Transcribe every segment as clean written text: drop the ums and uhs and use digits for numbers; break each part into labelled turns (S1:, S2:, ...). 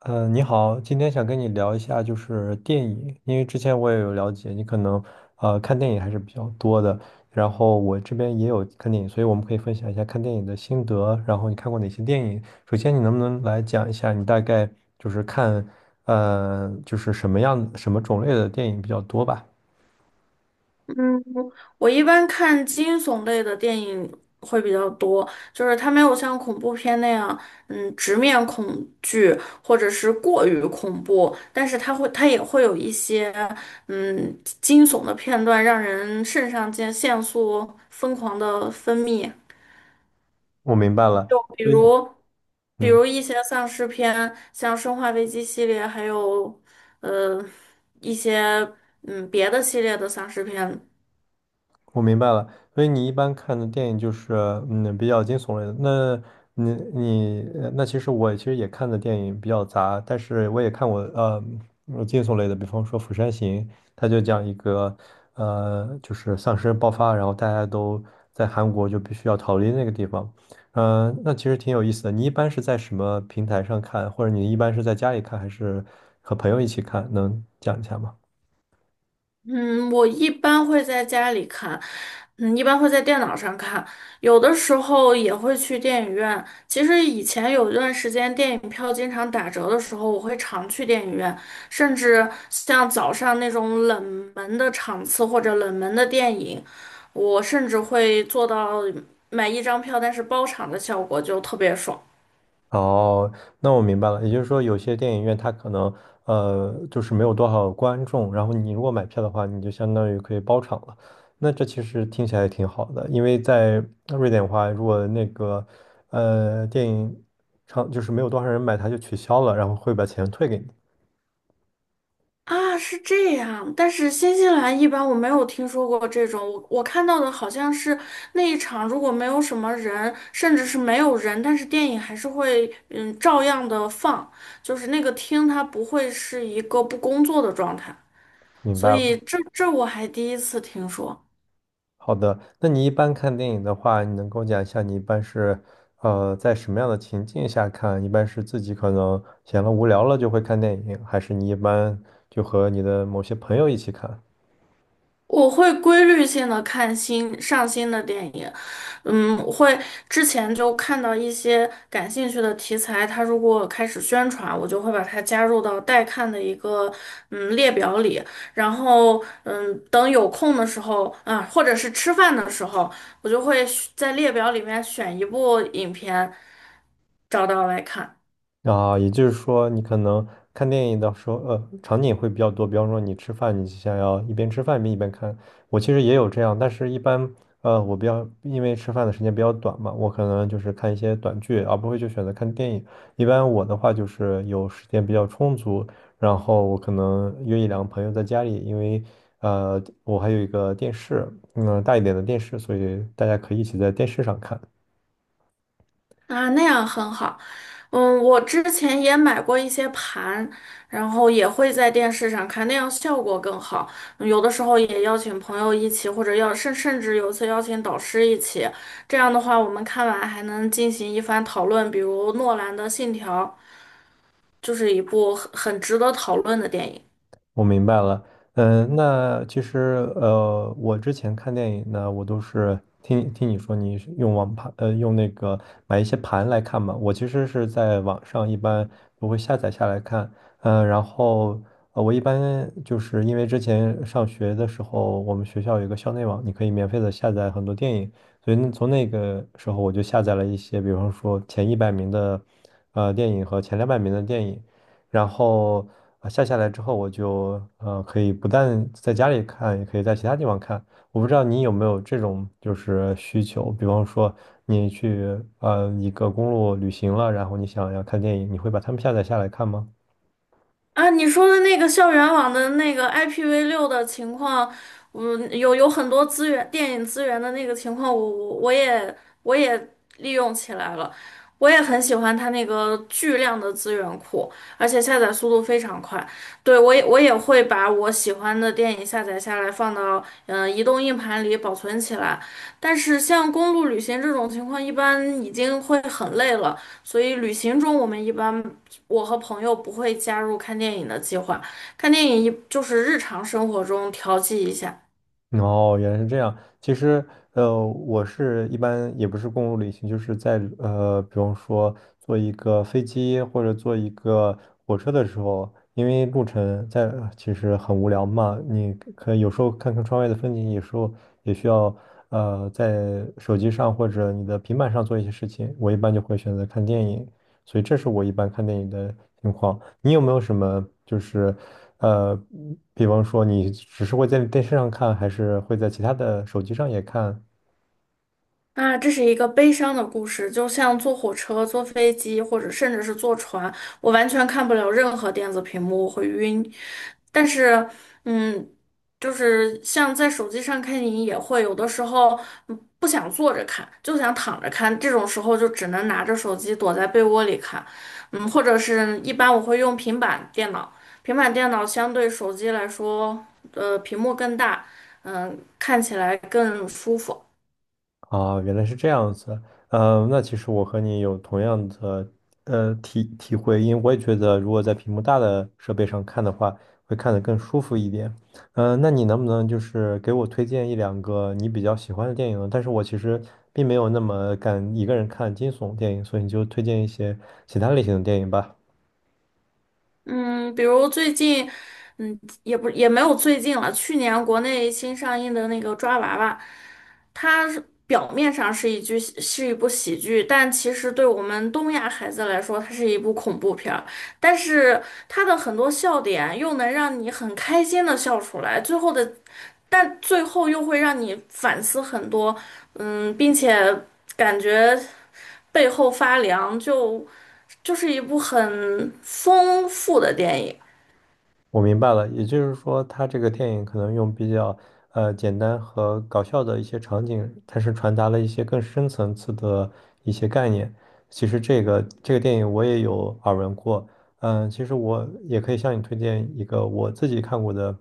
S1: 嗯，你好，今天想跟你聊一下就是电影，因为之前我也有了解，你可能看电影还是比较多的，然后我这边也有看电影，所以我们可以分享一下看电影的心得，然后你看过哪些电影？首先，你能不能来讲一下你大概就是看就是什么种类的电影比较多吧？
S2: 嗯，我一般看惊悚类的电影会比较多，就是它没有像恐怖片那样，直面恐惧或者是过于恐怖，但是它也会有一些，惊悚的片段，让人肾上腺腺素疯狂的分泌，
S1: 我明白了，
S2: 就比
S1: 所以
S2: 如，比
S1: 嗯。
S2: 如一些丧尸片，像《生化危机》系列，还有，呃，一些别的系列的丧尸片。
S1: 我明白了，所以你一般看的电影就是比较惊悚类的。那你你呃那其实我其实也看的电影比较杂，但是我也看过惊悚类的，比方说《釜山行》，它就讲一个就是丧尸爆发，然后大家都在韩国就必须要逃离那个地方。那其实挺有意思的。你一般是在什么平台上看，或者你一般是在家里看，还是和朋友一起看？能讲一下吗？
S2: 嗯，我一般会在家里看，一般会在电脑上看，有的时候也会去电影院。其实以前有一段时间电影票经常打折的时候，我会常去电影院，甚至像早上那种冷门的场次或者冷门的电影，我甚至会做到买一张票但是包场的效果，就特别爽。
S1: 哦，那我明白了，也就是说，有些电影院它可能就是没有多少观众，然后你如果买票的话，你就相当于可以包场了。那这其实听起来也挺好的，因为在瑞典的话，如果那个电影场就是没有多少人买，它就取消了，然后会把钱退给你。
S2: 啊，是这样，但是新西兰一般我没有听说过这种，我看到的好像是那一场如果没有什么人，甚至是没有人，但是电影还是会照样的放，就是那个厅它不会是一个不工作的状态，
S1: 明
S2: 所
S1: 白
S2: 以
S1: 了。
S2: 这我还第一次听说。
S1: 好的，那你一般看电影的话，你能跟我讲一下你一般是在什么样的情境下看？一般是自己可能闲了无聊了就会看电影，还是你一般就和你的某些朋友一起看？
S2: 我会规律性的看新上新的电影，会之前就看到一些感兴趣的题材，它如果开始宣传，我就会把它加入到待看的一个列表里，然后等有空的时候啊，或者是吃饭的时候，我就会在列表里面选一部影片，找到来看。
S1: 啊，也就是说，你可能看电影的时候，场景会比较多。比方说，你吃饭，你想要一边吃饭一边看。我其实也有这样，但是一般，我比较因为吃饭的时间比较短嘛，我可能就是看一些短剧，而不会就选择看电影。一般我的话就是有时间比较充足，然后我可能约一两个朋友在家里，因为我还有一个电视，大一点的电视，所以大家可以一起在电视上看。
S2: 啊，那样很好。我之前也买过一些盘，然后也会在电视上看，那样效果更好。有的时候也邀请朋友一起，或者甚至有一次邀请导师一起，这样的话我们看完还能进行一番讨论。比如诺兰的《信条》就是一部很值得讨论的电影。
S1: 我明白了，那其实我之前看电影呢，我都是听听你说你是用网盘，用那个买一些盘来看嘛。我其实是在网上一般我会下载下来看，然后我一般就是因为之前上学的时候，我们学校有一个校内网，你可以免费的下载很多电影，所以那从那个时候我就下载了一些，比方说前100名的电影和前200名的电影。然后啊下下来之后，我就可以不但在家里看，也可以在其他地方看。我不知道你有没有这种就是需求，比方说你去一个公路旅行了，然后你想要看电影，你会把它们下载下来看吗？
S2: 啊，你说的那个校园网的那个 IPv6的情况，有很多资源，电影资源的那个情况，我也利用起来了，我也很喜欢它那个巨量的资源库，而且下载速度非常快。对，我也会把我喜欢的电影下载下来，放到移动硬盘里保存起来。但是像公路旅行这种情况，一般已经会很累了，所以旅行中我们一般。我和朋友不会加入看电影的计划，看电影一就是日常生活中调剂一下。
S1: 哦，原来是这样。其实，我是一般也不是公路旅行，就是在比方说坐一个飞机或者坐一个火车的时候，因为路程在其实很无聊嘛，你可以有时候看看窗外的风景，有时候也需要在手机上或者你的平板上做一些事情。我一般就会选择看电影。所以这是我一般看电影的情况。你有没有什么就是，呃，比方说你只是会在电视上看，还是会在其他的手机上也看？
S2: 啊，这是一个悲伤的故事，就像坐火车、坐飞机，或者甚至是坐船，我完全看不了任何电子屏幕，我会晕。但是，嗯，就是像在手机上看电影也会，有的时候不想坐着看，就想躺着看，这种时候就只能拿着手机躲在被窝里看，或者是一般我会用平板电脑，平板电脑相对手机来说，屏幕更大，看起来更舒服。
S1: 啊，原来是这样子。那其实我和你有同样的体会，因为我也觉得，如果在屏幕大的设备上看的话，会看得更舒服一点。那你能不能就是给我推荐一两个你比较喜欢的电影呢？但是我其实并没有那么敢一个人看惊悚电影，所以你就推荐一些其他类型的电影吧。
S2: 嗯，比如最近，也没有最近了，去年国内新上映的那个《抓娃娃》，它是表面上是一剧是一部喜剧，但其实对我们东亚孩子来说，它是一部恐怖片儿。但是它的很多笑点又能让你很开心的笑出来，最后的，但最后又会让你反思很多，并且感觉背后发凉，就是一部很丰富的电影。
S1: 我明白了，也就是说，他这个电影可能用比较简单和搞笑的一些场景，它是传达了一些更深层次的一些概念。其实这个这个电影我也有耳闻过，其实我也可以向你推荐一个我自己看过的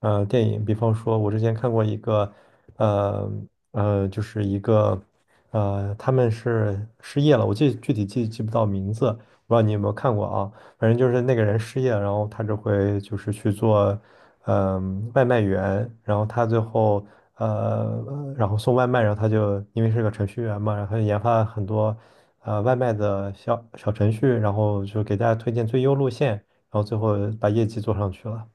S1: 电影，比方说，我之前看过一个呃就是一个他们是失业了，我具体记不到名字，不知道你有没有看过啊？反正就是那个人失业了然后他就会就是去做，外卖员，然后他最后然后送外卖，然后他就因为是个程序员嘛，然后他就研发了很多外卖的小小程序，然后就给大家推荐最优路线，然后最后把业绩做上去了。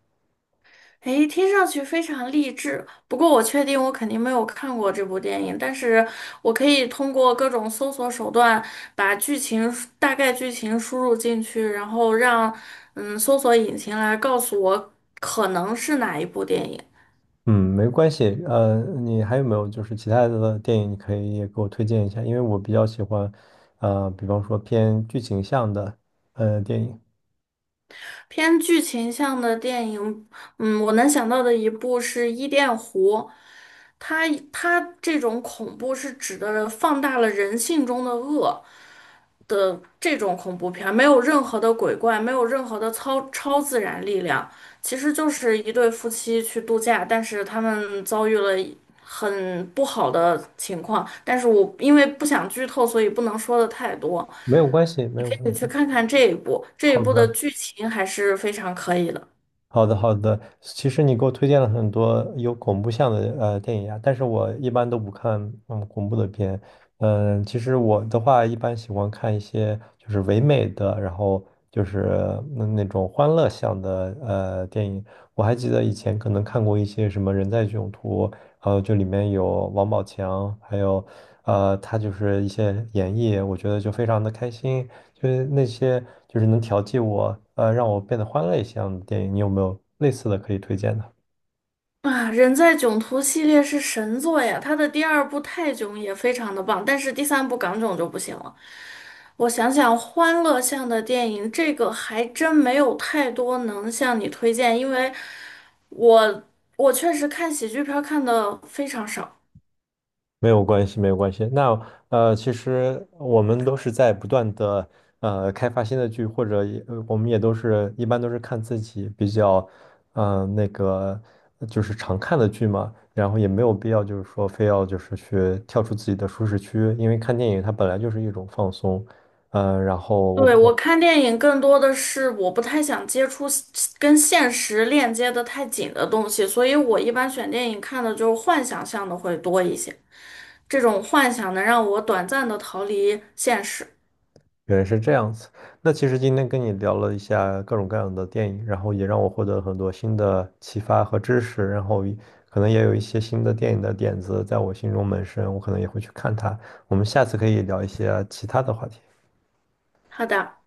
S2: 诶，听上去非常励志。不过我确定我肯定没有看过这部电影，但是我可以通过各种搜索手段把大概剧情输入进去，然后让搜索引擎来告诉我可能是哪一部电影。
S1: 嗯，没关系。你还有没有就是其他的电影，你可以也给我推荐一下？因为我比较喜欢，比方说偏剧情向的电影。
S2: 偏剧情向的电影，我能想到的一部是《伊甸湖》，它它这种恐怖是指的放大了人性中的恶。的这种恐怖片儿，没有任何的鬼怪，没有任何的超自然力量，其实就是一对夫妻去度假，但是他们遭遇了很不好的情况。但是我因为不想剧透，所以不能说的太多。
S1: 没有关系，没
S2: 你
S1: 有
S2: 可
S1: 关
S2: 以
S1: 系。
S2: 去看看这一部，这一
S1: 好
S2: 部的
S1: 的。
S2: 剧情还是非常可以的。
S1: 好的，好的。其实你给我推荐了很多有恐怖向的电影啊，但是我一般都不看恐怖的片。其实我的话一般喜欢看一些就是唯美的，然后就是那种欢乐向的电影。我还记得以前可能看过一些什么《人在囧途》，然后就里面有王宝强，还有他就是一些演绎，我觉得就非常的开心。就是那些就是能调剂我，让我变得欢乐一些样的电影，你有没有类似的可以推荐的？
S2: 啊，人在囧途系列是神作呀，它的第二部泰囧也非常的棒，但是第三部港囧就不行了。我想想，欢乐向的电影，这个还真没有太多能向你推荐，因为我我确实看喜剧片儿看的非常少。
S1: 没有关系，没有关系。那其实我们都是在不断的开发新的剧，或者也我们也都是一般都是看自己比较那个就是常看的剧嘛，然后也没有必要就是说非要就是去跳出自己的舒适区，因为看电影它本来就是一种放松，然后我不。
S2: 对，我看电影更多的是我不太想接触跟现实链接的太紧的东西，所以我一般选电影看的就是幻想向的会多一些。这种幻想能让我短暂的逃离现实。
S1: 原来是这样子。那其实今天跟你聊了一下各种各样的电影，然后也让我获得了很多新的启发和知识，然后也可能也有一些新的电影的点子在我心中萌生，我可能也会去看它。我们下次可以聊一些其他的话题。
S2: 好的。